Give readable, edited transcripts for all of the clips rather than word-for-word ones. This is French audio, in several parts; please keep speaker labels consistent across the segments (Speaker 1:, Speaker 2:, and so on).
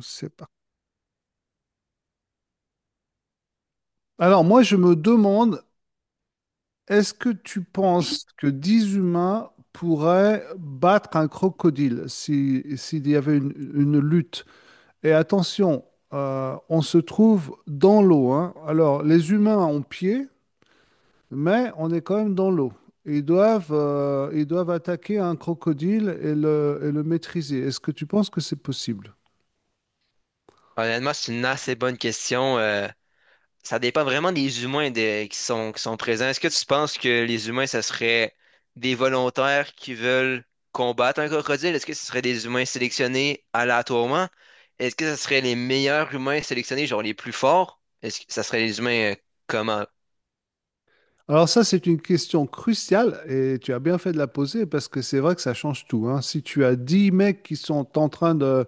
Speaker 1: C'est pas. Alors moi, je me demande, est-ce que tu penses que 10 humains pourraient battre un crocodile si, s'il y avait une lutte? Et attention, on se trouve dans l'eau, hein. Alors les humains ont pied, mais on est quand même dans l'eau. Ils doivent attaquer un crocodile et le maîtriser. Est-ce que tu penses que c'est possible?
Speaker 2: Honnêtement, c'est une assez bonne question. Ça dépend vraiment des humains qui sont présents. Est-ce que tu penses que les humains, ce serait des volontaires qui veulent combattre un crocodile? Est-ce que ce serait des humains sélectionnés aléatoirement? Est-ce que ce serait les meilleurs humains sélectionnés, genre les plus forts? Est-ce que ça serait les humains comment?
Speaker 1: Alors ça, c'est une question cruciale et tu as bien fait de la poser parce que c'est vrai que ça change tout, hein. Si tu as 10 mecs qui sont en train de,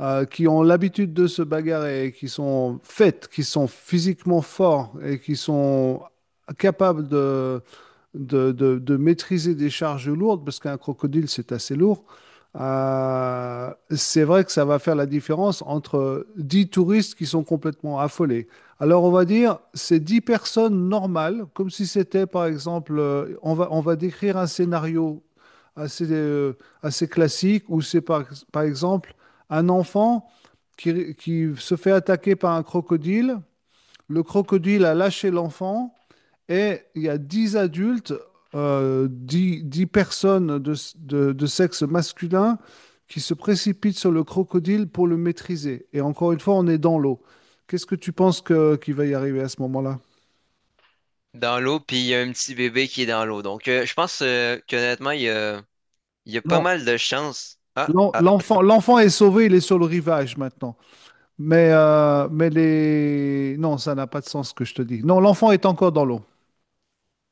Speaker 1: Qui ont l'habitude de se bagarrer, qui sont faites, qui sont physiquement forts et qui sont capables de maîtriser des charges lourdes, parce qu'un crocodile, c'est assez lourd. C'est vrai que ça va faire la différence entre 10 touristes qui sont complètement affolés. Alors on va dire, c'est 10 personnes normales, comme si c'était, par exemple, on va décrire un scénario assez, euh, assez classique où par exemple un enfant qui se fait attaquer par un crocodile. Le crocodile a lâché l'enfant et il y a 10 adultes, 10 10 personnes de sexe masculin qui se précipitent sur le crocodile pour le maîtriser. Et encore une fois, on est dans l'eau. Qu'est-ce que tu penses que, qu'il va y arriver à ce moment-là?
Speaker 2: Dans l'eau, puis il y a un petit bébé qui est dans l'eau. Donc, je pense qu'honnêtement, il y a pas
Speaker 1: Non.
Speaker 2: mal de chances. Ah, ah.
Speaker 1: L'enfant, l'enfant est sauvé, il est sur le rivage maintenant. Mais les... Non, ça n'a pas de sens ce que je te dis. Non, l'enfant est encore dans l'eau.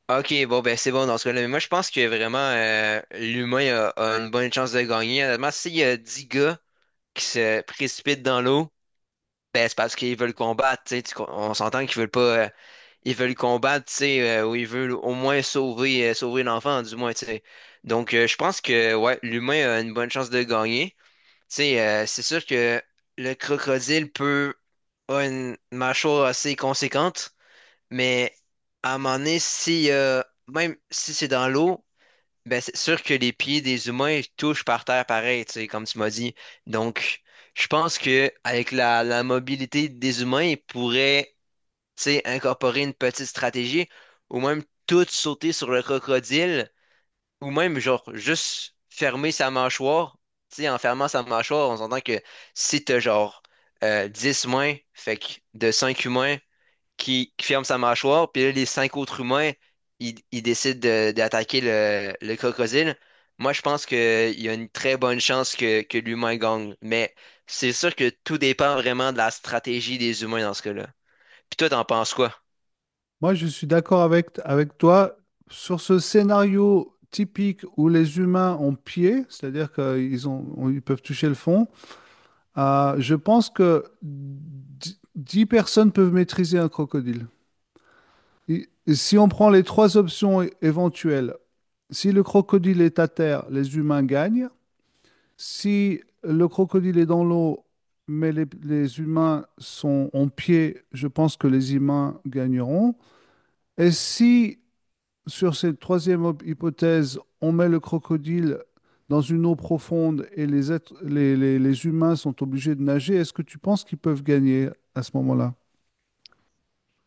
Speaker 2: Ok, bon, ben c'est bon dans ce cas-là. Mais moi, je pense que vraiment, l'humain a une bonne chance de gagner. Honnêtement, s'il y a 10 gars qui se précipitent dans l'eau, ben c'est parce qu'ils veulent combattre, tu sais. On s'entend qu'ils veulent pas. euh, ils veulent combattre, tu sais, ou ils veulent au moins sauver l'enfant, du moins, tu sais. Donc, je pense que, ouais, l'humain a une bonne chance de gagner. Tu sais, c'est sûr que le crocodile peut. A une mâchoire assez conséquente. Mais à un moment donné, si, même si c'est dans l'eau, ben c'est sûr que les pieds des humains ils touchent par terre pareil, tu sais, comme tu m'as dit. Donc, je pense que avec la mobilité des humains, ils pourraient, tu sais, incorporer une petite stratégie ou même tout sauter sur le crocodile ou même, genre, juste fermer sa mâchoire. Tu sais, en fermant sa mâchoire, on s'entend que si t'as, genre, 10 mains, fait que de 5 humains, qui ferme sa mâchoire, puis là, les cinq autres humains, ils décident d'attaquer le crocodile. Moi, je pense qu'il y a une très bonne chance que l'humain gagne, mais c'est sûr que tout dépend vraiment de la stratégie des humains dans ce cas-là. Puis toi, t'en penses quoi?
Speaker 1: Moi, je suis d'accord avec toi sur ce scénario typique où les humains ont pied, c'est-à-dire qu'ils ils peuvent toucher le fond. Je pense que dix personnes peuvent maîtriser un crocodile. Et si on prend les trois options éventuelles, si le crocodile est à terre, les humains gagnent. Si le crocodile est dans l'eau, mais les humains sont en pied, je pense que les humains gagneront. Et si Sur cette hypothèse, on met le crocodile dans une eau profonde et les êtres- les humains sont obligés de nager. Est-ce que tu penses qu'ils peuvent gagner à ce moment-là?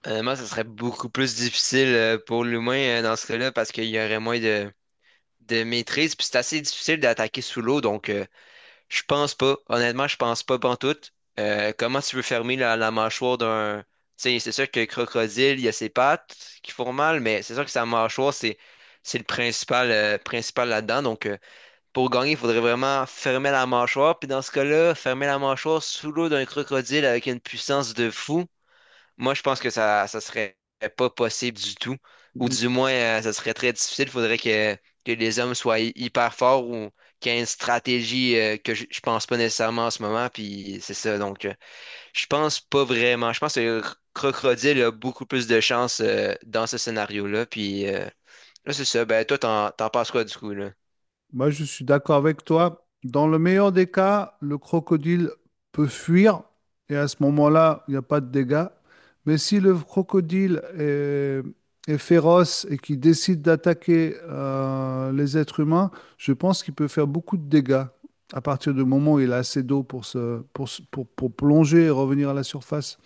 Speaker 2: Honnêtement, ça serait beaucoup plus difficile pour l'humain dans ce cas-là parce qu'il y aurait moins de maîtrise, puis c'est assez difficile d'attaquer sous l'eau, donc. Je pense pas. Honnêtement, je pense pas pantoute. Comment tu veux fermer la mâchoire d'un... Tu sais, c'est sûr que le crocodile, il y a ses pattes qui font mal, mais c'est sûr que sa mâchoire, c'est le principal là-dedans. Donc, pour gagner, il faudrait vraiment fermer la mâchoire. Puis dans ce cas-là, fermer la mâchoire sous l'eau d'un crocodile avec une puissance de fou. Moi, je pense que ça serait pas possible du tout. Ou du moins, ça serait très difficile. Il faudrait que les hommes soient hyper forts ou qu'il y ait une stratégie que je pense pas nécessairement en ce moment. Puis c'est ça. Donc, je pense pas vraiment. Je pense que le crocodile a beaucoup plus de chance dans ce scénario-là. Puis là, c'est ça. Ben, toi, t'en penses quoi du coup, là?
Speaker 1: Moi, je suis d'accord avec toi. Dans le meilleur des cas, le crocodile peut fuir et à ce moment-là, il n'y a pas de dégâts. Mais si le crocodile est, est féroce et qu'il décide d'attaquer les êtres humains, je pense qu'il peut faire beaucoup de dégâts à partir du moment où il a assez d'eau pour pour plonger et revenir à la surface.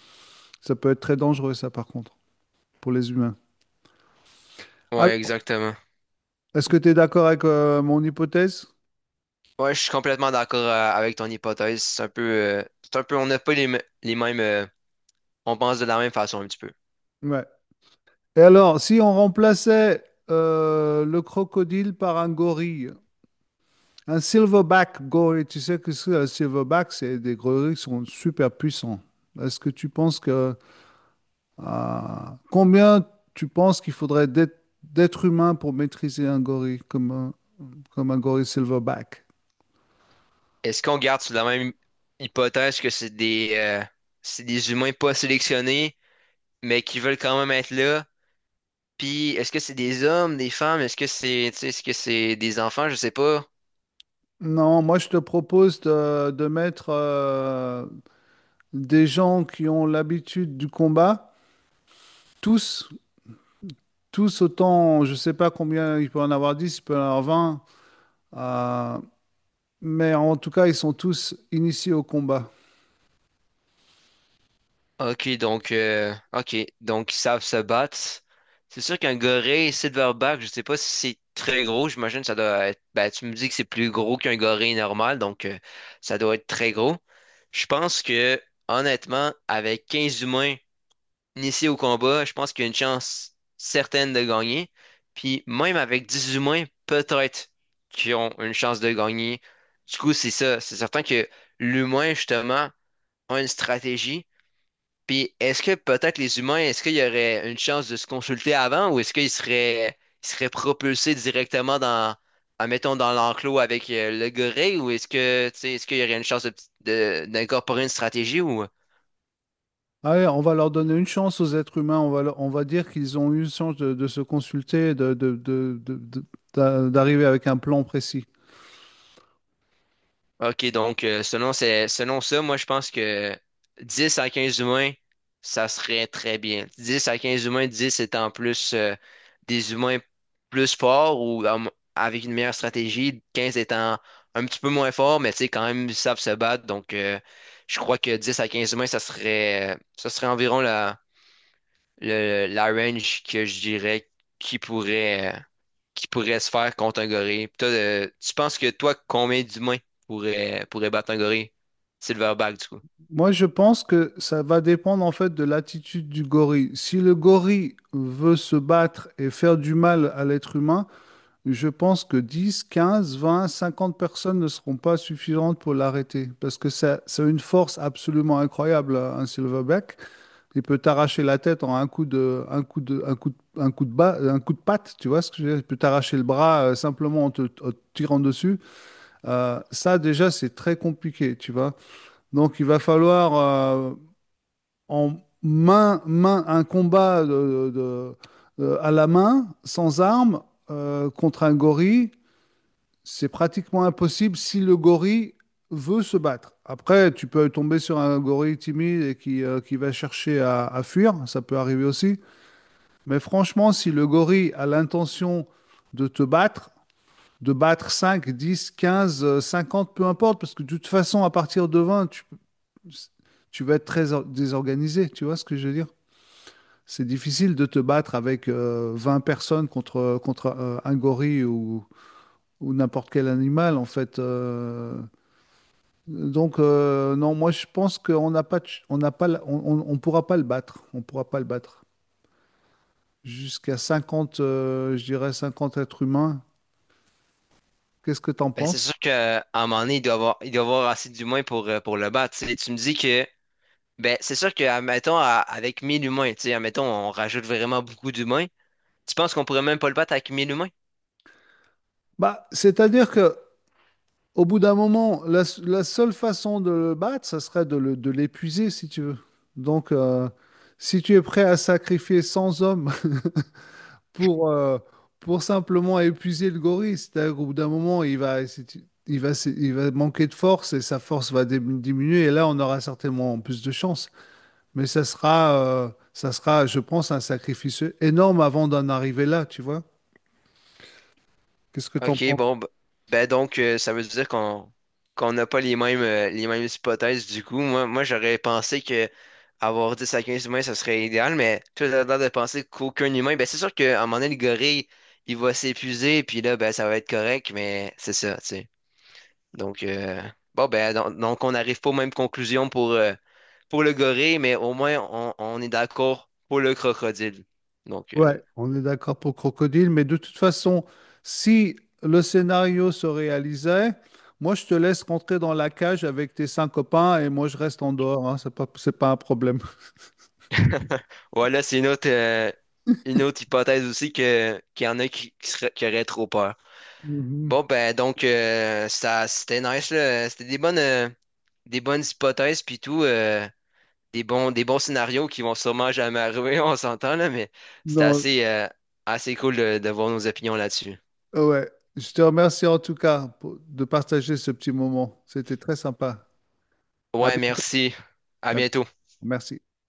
Speaker 1: Ça peut être très dangereux, ça, par contre, pour les humains.
Speaker 2: Ouais,
Speaker 1: Alors,
Speaker 2: exactement.
Speaker 1: est-ce que tu es d'accord avec mon hypothèse?
Speaker 2: Ouais, je suis complètement d'accord avec ton hypothèse. C'est un peu, on n'a pas les mêmes. On pense de la même façon un petit peu.
Speaker 1: Ouais. Et alors, si on remplaçait le crocodile par un gorille, un silverback gorille, tu sais que c'est un silverback, c'est des gorilles qui sont super puissants. Est-ce que tu penses que euh, combien tu penses qu'il faudrait d'être humain pour maîtriser un gorille comme un gorille silverback?
Speaker 2: Est-ce qu'on garde sur la même hypothèse que c'est des humains pas sélectionnés, mais qui veulent quand même être là? Puis est-ce que c'est des hommes, des femmes? Est-ce que c'est, tu sais, est-ce que c'est des enfants? Je sais pas.
Speaker 1: Non, moi je te propose de mettre des gens qui ont l'habitude du combat, tous tous autant, je ne sais pas combien il peut en avoir 10, il peut en avoir 20, euh, mais en tout cas, ils sont tous initiés au combat.
Speaker 2: Ok, donc ils savent se battre. C'est sûr qu'un gorille silverback, je sais pas si c'est très gros, j'imagine que ça doit être. Ben, tu me dis que c'est plus gros qu'un gorille normal, donc ça doit être très gros. Je pense que, honnêtement, avec 15 humains initiés au combat, je pense qu'il y a une chance certaine de gagner. Puis même avec 10 humains, peut-être qu'ils ont une chance de gagner. Du coup, c'est ça. C'est certain que l'humain, justement, a une stratégie puis est-ce que peut-être les humains, est-ce qu'il y aurait une chance de se consulter avant ou est-ce qu'ils seraient propulsés directement dans, admettons, dans l'enclos avec le gorille ou est-ce que, tu sais, est-ce qu'il y aurait une chance d'incorporer une stratégie ou...
Speaker 1: Allez, on va leur donner une chance aux êtres humains, on va dire qu'ils ont eu une chance de se consulter, de- d'a- d'arriver avec un plan précis.
Speaker 2: OK, donc selon ça, moi je pense que 10 à 15 humains, ça serait très bien. 10 à 15 humains, 10 étant plus des humains plus forts ou avec une meilleure stratégie, 15 étant un petit peu moins forts, mais tu sais, quand même, ils savent se battre. Donc je crois que 10 à 15 humains, ça serait environ la range que je dirais qui pourrait, euh, qui pourrait se faire contre un gorille. Puis toi, tu penses que toi, combien d'humains pourrait battre un gorille? Silverback, du coup.
Speaker 1: Moi, je pense que ça va dépendre en fait de l'attitude du gorille. Si le gorille veut se battre et faire du mal à l'être humain, je pense que 10, 15, 20, 50 personnes ne seront pas suffisantes pour l'arrêter parce que ça a une force absolument incroyable, un silverback. Il peut t'arracher la tête en un coup de, un coup de, un coup de, un coup de bas, un coup de patte, tu vois ce que je veux dire? Il peut t'arracher le bras simplement en en te tirant dessus. Ça, déjà, c'est très compliqué, tu vois. Donc, il va falloir en main, main, un combat de- à la main, sans armes, contre un gorille, c'est pratiquement impossible si le gorille veut se battre. Après, tu peux tomber sur un gorille timide qui va chercher à fuir, ça peut arriver aussi. Mais franchement, si le gorille a l'intention de te battre, de battre 5, 10, 15, 50, peu importe, parce que de toute façon, à partir de 20, tu vas être très désorganisé, tu vois ce que je veux dire? C'est difficile de te battre avec 20 personnes contre un gorille ou n'importe quel animal, en fait. Non, moi, je pense qu'on n'a pas, de ch- on n'a pas on pourra pas le battre. On pourra pas le battre. Jusqu'à 50, je dirais 50 êtres humains. Qu'est-ce que tu en
Speaker 2: Ben, c'est
Speaker 1: penses?
Speaker 2: sûr qu'à un moment donné, il doit avoir assez d'humains pour le battre, tu sais. Tu me dis que, ben, c'est sûr que, admettons, avec 1000 humains, tu sais, admettons, on rajoute vraiment beaucoup d'humains. Tu penses qu'on pourrait même pas le battre avec 1000 humains?
Speaker 1: Bah, c'est-à-dire que au bout d'un moment, la seule façon de le battre, ça serait de l'épuiser, si tu veux. Donc, si tu es prêt à sacrifier 100 hommes pour, euh, pour simplement épuiser le gorille. C'est-à-dire qu'au bout d'un moment, il va manquer de force et sa force va diminuer. Et là, on aura certainement plus de chance. Mais ça sera, je pense, un sacrifice énorme avant d'en arriver là, tu vois? Qu'est-ce que tu en
Speaker 2: OK, bon,
Speaker 1: penses?
Speaker 2: ben donc, ça veut dire qu'on n'a pas les mêmes hypothèses du coup. Moi, j'aurais pensé que avoir 10 à 15 humains, ça serait idéal, mais toi, t'as l'air de penser qu'aucun humain, ben c'est sûr qu'à un moment donné, le gorille, il va s'épuiser, puis là, ben ça va être correct, mais c'est ça, tu sais. Donc, bon, ben donc, on n'arrive pas aux mêmes conclusions pour le gorille, mais au moins, on est d'accord pour le crocodile. Donc,
Speaker 1: Ouais, on est d'accord pour Crocodile, mais de toute façon, si le scénario se réalisait, moi je te laisse rentrer dans la cage avec tes cinq copains et moi je reste en dehors, hein, c'est pas un problème.
Speaker 2: Ouais, là, c'est une autre hypothèse aussi que qu'il y en a qui auraient trop peur.
Speaker 1: Mhm.
Speaker 2: Bon, ben donc ça c'était nice là. C'était des bonnes hypothèses puis tout, des bons scénarios qui vont sûrement jamais arriver, on s'entend là, mais c'était
Speaker 1: Non,
Speaker 2: assez cool de voir nos opinions là-dessus.
Speaker 1: ouais, je te remercie en tout cas de partager ce petit moment. C'était très sympa. À
Speaker 2: Ouais,
Speaker 1: bientôt.
Speaker 2: merci. À bientôt.
Speaker 1: Merci.